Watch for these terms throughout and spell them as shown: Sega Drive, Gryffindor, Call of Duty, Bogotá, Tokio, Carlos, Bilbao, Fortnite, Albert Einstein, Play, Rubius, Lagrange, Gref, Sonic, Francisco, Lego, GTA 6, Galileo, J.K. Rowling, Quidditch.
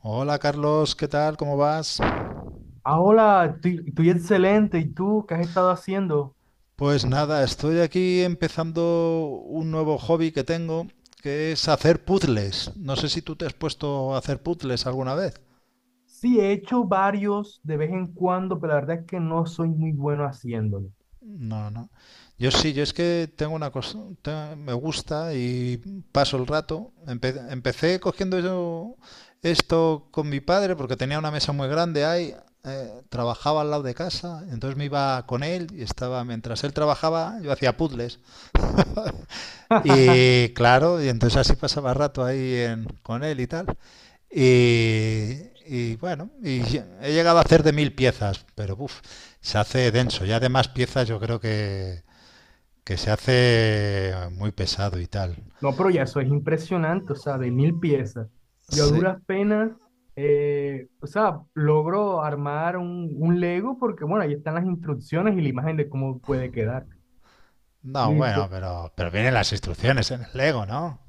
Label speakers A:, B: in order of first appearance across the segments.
A: Hola Carlos, ¿qué tal? ¿Cómo vas?
B: Ah, hola, estoy excelente. ¿Y tú qué has estado haciendo?
A: Pues nada, estoy aquí empezando un nuevo hobby que tengo, que es hacer puzzles. No sé si tú te has puesto a hacer puzzles alguna vez.
B: Sí, he hecho varios de vez en cuando, pero la verdad es que no soy muy bueno haciéndolo.
A: No, no. Yo sí, yo es que tengo una cosa, me gusta y paso el rato. Empecé cogiendo yo esto con mi padre porque tenía una mesa muy grande ahí, trabajaba al lado de casa. Entonces me iba con él y estaba, mientras él trabajaba, yo hacía puzzles. Y claro, y entonces así pasaba rato ahí con él y tal. Y, y bueno, he llegado a hacer de 1000 piezas, pero uff, se hace denso. Ya de más piezas yo creo que, se hace muy pesado y tal.
B: No, pero ya eso es impresionante, o sea, de mil piezas. Yo a
A: Sí.
B: duras penas, o sea, logro armar un Lego porque, bueno, ahí están las instrucciones y la imagen de cómo puede quedar.
A: No, bueno,
B: Listo.
A: pero, vienen las instrucciones en el Lego, ¿no?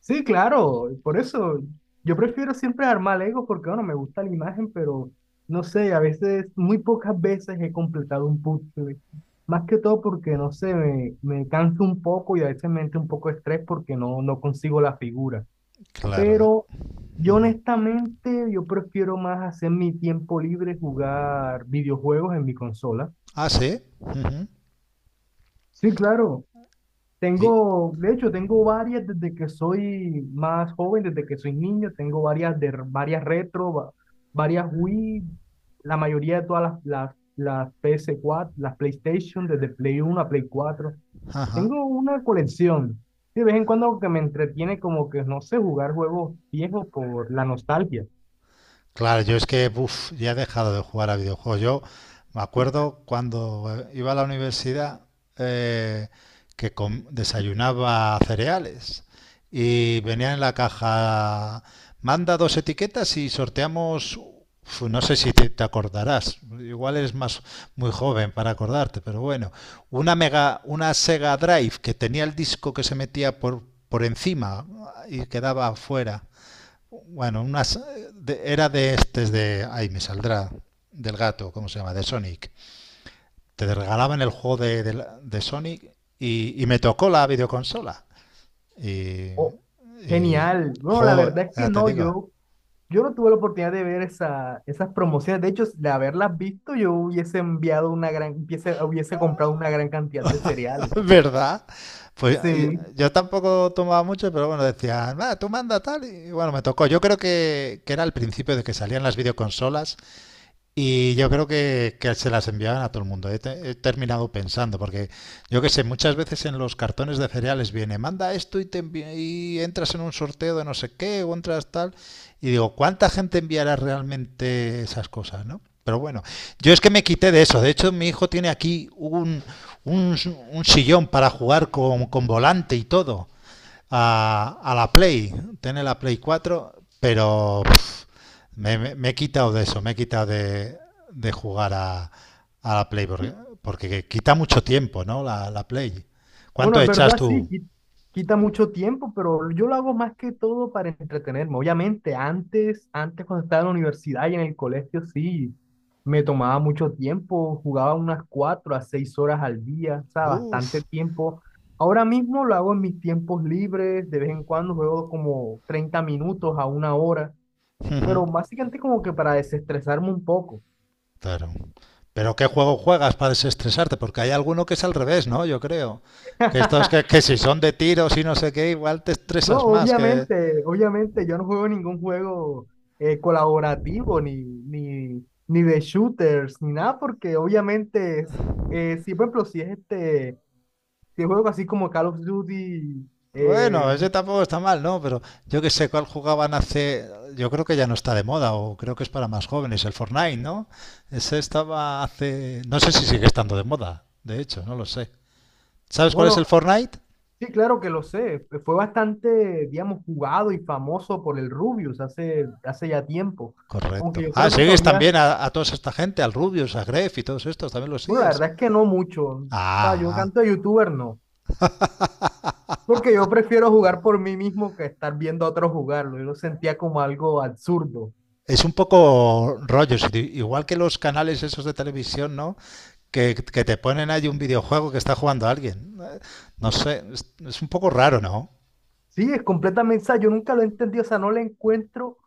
B: Sí, claro, por eso yo prefiero siempre armar Legos porque, bueno, me gusta la imagen, pero no sé, a veces, muy pocas veces he completado un puzzle. Más que todo porque, no sé, me canso un poco y a veces me entra un poco de estrés porque no consigo la figura.
A: Claro.
B: Pero yo honestamente, yo prefiero más hacer mi tiempo libre jugar videojuegos en mi consola.
A: Ah, sí. Ujú.
B: Sí, claro.
A: Y,
B: Tengo, de hecho, tengo varias desde que soy más joven, desde que soy niño, tengo varias de varias retro, varias Wii, la mayoría de todas las PS4, las PlayStation, desde Play Uno a Play Cuatro.
A: ajá.
B: Tengo una colección. De vez en cuando que me entretiene como que, no sé, jugar juegos viejos por la nostalgia.
A: Claro, yo es que uf, ya he dejado de jugar a videojuegos. Yo me acuerdo cuando iba a la universidad, eh, que desayunaba cereales y venía en la caja, manda dos etiquetas y sorteamos. Uf, no sé si te acordarás, igual eres más muy joven para acordarte, pero bueno, una Sega Drive que tenía el disco que se metía por encima y quedaba fuera. Bueno, era de estes ahí me saldrá. Del gato, ¿cómo se llama? De Sonic. Te regalaban el juego de, de Sonic, y me tocó la videoconsola. Y...
B: Oh,
A: y
B: genial. Bueno, la
A: jo,
B: verdad es que
A: ya te
B: no.
A: digo.
B: yo Yo no tuve la oportunidad de ver esa, esas promociones. De hecho, de haberlas visto, yo hubiese enviado una gran, hubiese, hubiese comprado una gran cantidad de cereales.
A: ¿Verdad? Pues yo,
B: Sí.
A: tampoco tomaba mucho, pero bueno, decían: "Ah, tú manda tal". Y bueno, me tocó. Yo creo que, era el principio de que salían las videoconsolas. Y yo creo que, se las enviaban a todo el mundo, he he terminado pensando. Porque yo que sé, muchas veces en los cartones de cereales viene: manda esto y, y entras en un sorteo de no sé qué, o entras tal. Y digo, ¿cuánta gente enviará realmente esas cosas, ¿no? Pero bueno, yo es que me quité de eso. De hecho, mi hijo tiene aquí un, un, un sillón para jugar con, volante y todo a, la Play, tener la Play 4, pero pff, me, me he quitado de eso, me he quitado de, jugar a, la Play, porque, quita mucho tiempo, ¿no? La Play.
B: Bueno,
A: ¿Cuánto
B: es
A: echas
B: verdad, sí,
A: tú?
B: quita mucho tiempo, pero yo lo hago más que todo para entretenerme. Obviamente, antes cuando estaba en la universidad y en el colegio, sí, me tomaba mucho tiempo, jugaba unas cuatro a seis horas al día, o sea, bastante
A: Uf,
B: tiempo. Ahora mismo lo hago en mis tiempos libres, de vez en cuando juego como 30 minutos a una hora.
A: ujú,
B: Pero básicamente como que para desestresarme un poco.
A: claro. Pero ¿qué juego juegas para desestresarte? Porque hay alguno que es al revés, ¿no? Yo creo. Que estos que, si son de tiros y no sé qué, igual te
B: No,
A: estresas más que...
B: obviamente yo no juego ningún juego, colaborativo ni de shooters ni nada, porque obviamente, si por ejemplo, si es este, si es juego así como Call of Duty, eh,
A: Bueno, ese tampoco está mal, ¿no? Pero yo que sé cuál jugaban hace. Yo creo que ya no está de moda, o creo que es para más jóvenes, el Fortnite, ¿no? Ese estaba hace. No sé si sigue estando de moda, de hecho, no lo sé. ¿Sabes cuál es
B: bueno,
A: el Fortnite?
B: sí, claro que lo sé, fue bastante, digamos, jugado y famoso por el Rubius hace ya tiempo, aunque
A: Correcto.
B: yo
A: Ah,
B: creo que
A: sigues
B: todavía,
A: también a, toda esta gente, al Rubius, a Gref y todos estos, también los
B: bueno, la
A: sigues.
B: verdad es que no mucho, o
A: Ah,
B: sea, yo
A: ah.
B: canto de youtuber no. Porque yo prefiero jugar por mí mismo que estar viendo a otros jugarlo. Yo lo sentía como algo absurdo.
A: Es un poco rollo, igual que los canales esos de televisión, ¿no? Que, te ponen ahí un videojuego que está jugando alguien. No sé, es un poco raro, ¿no?
B: Sí, es completamente, o sea, yo nunca lo he entendido, o sea, no le encuentro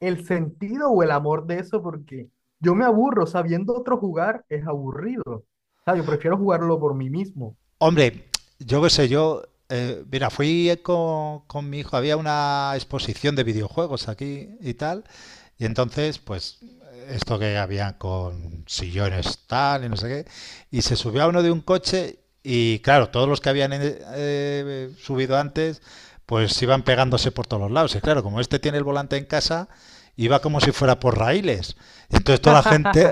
B: el sentido o el amor de eso porque yo me aburro, o sea, viendo a otro jugar es aburrido. O sea, yo prefiero jugarlo por mí mismo.
A: Hombre, yo qué sé, yo, mira, fui con, mi hijo, había una exposición de videojuegos aquí y tal, y entonces, pues, esto que había con sillones tal y no sé qué, y se subió a uno de un coche y claro, todos los que habían subido antes, pues iban pegándose por todos los lados, y claro, como este tiene el volante en casa, iba como si fuera por raíles. Entonces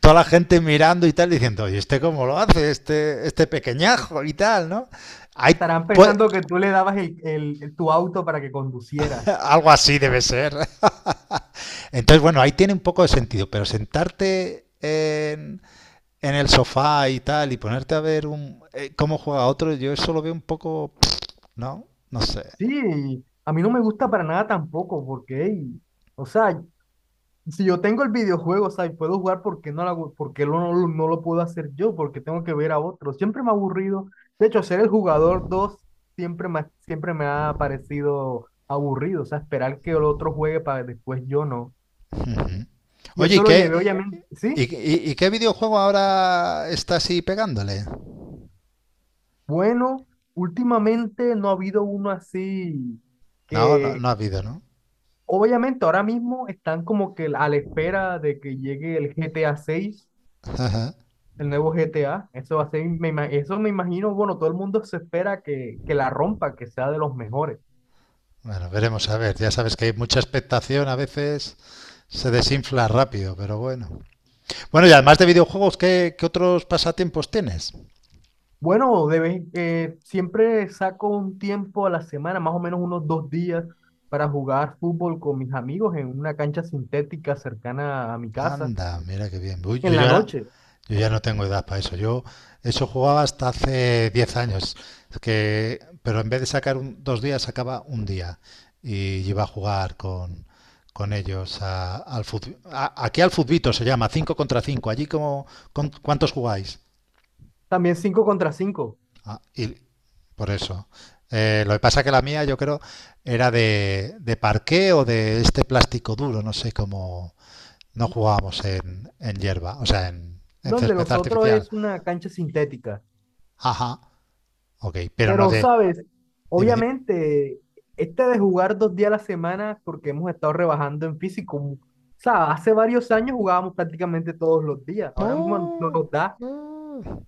A: toda la gente mirando y tal, diciendo: oye, ¿este cómo lo hace? Este pequeñajo y tal, ¿no? Hay,
B: Estarán
A: pues,
B: pensando que tú le dabas tu auto para que conduciera.
A: algo así debe ser. Entonces, bueno, ahí tiene un poco de sentido, pero sentarte en, el sofá y tal y ponerte a ver cómo juega otro, yo eso lo veo un poco, ¿no? No sé.
B: Sí, a mí no me gusta para nada tampoco porque, ey, o sea, si yo tengo el videojuego, o sea, y puedo jugar, ¿por qué no lo hago- por qué lo- no, lo- no lo puedo hacer yo? Porque tengo que ver a otros. Siempre me ha aburrido. De hecho, ser el jugador 2 siempre me ha parecido aburrido. O sea, esperar que el otro juegue para después yo no.
A: Ujú.
B: Y
A: Oye,
B: eso lo llevé, obviamente. Sí,
A: y qué videojuego ahora está así pegándole?
B: bueno, últimamente no ha habido uno así
A: No, no,
B: que,
A: no ha habido, ¿no?
B: obviamente, ahora mismo están como que a la espera de que llegue el GTA 6.
A: Ajá.
B: El nuevo GTA, eso va a ser, eso me imagino, bueno, todo el mundo se espera que la rompa, que sea de los mejores.
A: Bueno, veremos a ver. Ya sabes que hay mucha expectación, a veces se desinfla rápido, pero bueno. Bueno, y además de videojuegos, ¿qué otros pasatiempos tienes?
B: Bueno, siempre saco un tiempo a la semana, más o menos unos dos días, para jugar fútbol con mis amigos en una cancha sintética cercana a mi casa,
A: Anda, mira qué bien. Uy, yo
B: en la
A: ya,
B: noche.
A: yo ya no tengo edad para eso. Yo eso jugaba hasta hace 10 años. Es que, pero en vez de sacar dos días, sacaba un día y iba a jugar con, ellos aquí al futbito se llama, 5 contra 5. ¿Cuántos jugáis?
B: También cinco contra 5
A: Ah, por eso. Lo que pasa que la mía, yo creo, era de, parqué o de este plástico duro, no sé cómo. No jugábamos en, hierba, o sea, en,
B: donde
A: césped
B: nosotros
A: artificial.
B: es una cancha sintética.
A: Ajá, ok, pero no
B: Pero,
A: de.
B: ¿sabes?
A: Dime, dime.
B: Obviamente, este de jugar dos días a la semana, porque hemos estado rebajando en físico, o sea, hace varios años jugábamos prácticamente todos los días, ahora mismo no
A: Oh,
B: nos da
A: no,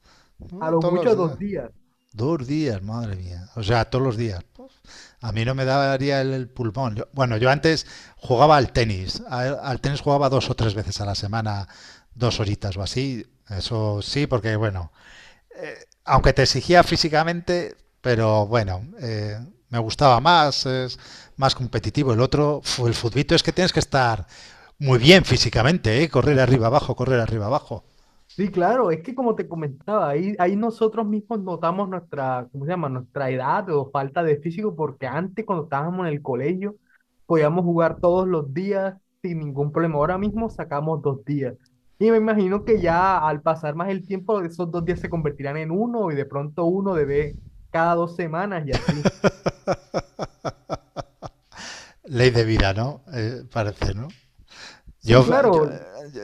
B: a
A: no,
B: lo
A: todos
B: mucho
A: los
B: dos
A: días.
B: días.
A: Dos días, madre mía. O sea, todos los días. Pues, a mí no me daría el pulmón. Bueno, yo antes jugaba al tenis. Al tenis jugaba 2 o 3 veces a la semana, dos horitas o así. Eso sí, porque bueno, aunque te exigía físicamente, pero bueno, me gustaba más, es más competitivo. El otro, el futbito es que tienes que estar muy bien físicamente, ¿eh? Correr arriba abajo, correr arriba abajo.
B: Sí, claro, es que como te comentaba, ahí nosotros mismos notamos nuestra, ¿cómo se llama? Nuestra edad o falta de físico, porque antes cuando estábamos en el colegio podíamos jugar todos los días sin ningún problema. Ahora mismo sacamos dos días. Y me imagino que ya al pasar más el tiempo, esos dos días se convertirán en uno y de pronto uno debe cada dos semanas y así.
A: Ley de vida, ¿no? Parece, ¿no?
B: Sí,
A: Yo, yo,
B: claro.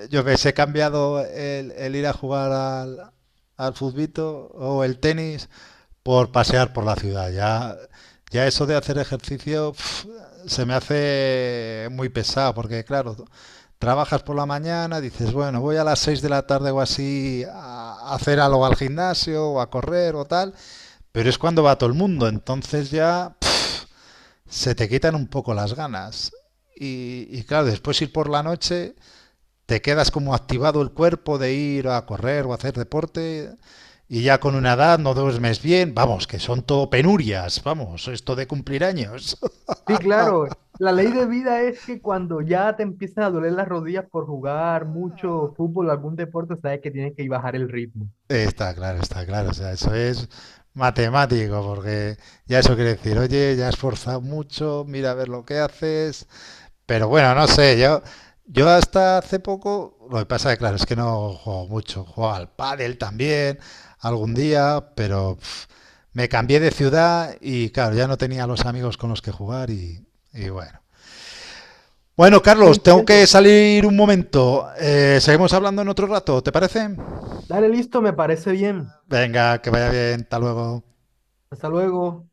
A: yo ves, he cambiado el ir a jugar al futbito o el tenis por pasear por la ciudad. Ya, ya eso de hacer ejercicio se me hace muy pesado porque, claro, trabajas por la mañana, dices: bueno, voy a las 6 de la tarde o así a hacer algo al gimnasio o a correr o tal, pero es cuando va todo el mundo, entonces ya se te quitan un poco las ganas. Y claro, después ir por la noche te quedas como activado el cuerpo de ir a correr o a hacer deporte, y ya con una edad no duermes bien. Vamos, que son todo penurias, vamos, esto de cumplir años.
B: Sí, claro. La ley de vida es que cuando ya te empiezan a doler las rodillas por jugar mucho fútbol o algún deporte, sabes que tienes que bajar el ritmo.
A: Está claro, o sea, eso es matemático, porque ya eso quiere decir: oye, ya has forzado mucho, mira a ver lo que haces. Pero bueno, no sé, yo, hasta hace poco, lo que pasa es que claro, es que no juego mucho, juego al pádel también, algún día, pero me cambié de ciudad y claro, ya no tenía los amigos con los que jugar, y bueno. Bueno,
B: Sí,
A: Carlos, tengo que
B: entiendo.
A: salir un momento. Seguimos hablando en otro rato, ¿te parece?
B: Dale, listo, me parece bien.
A: Venga, que vaya bien, hasta luego.
B: Hasta luego.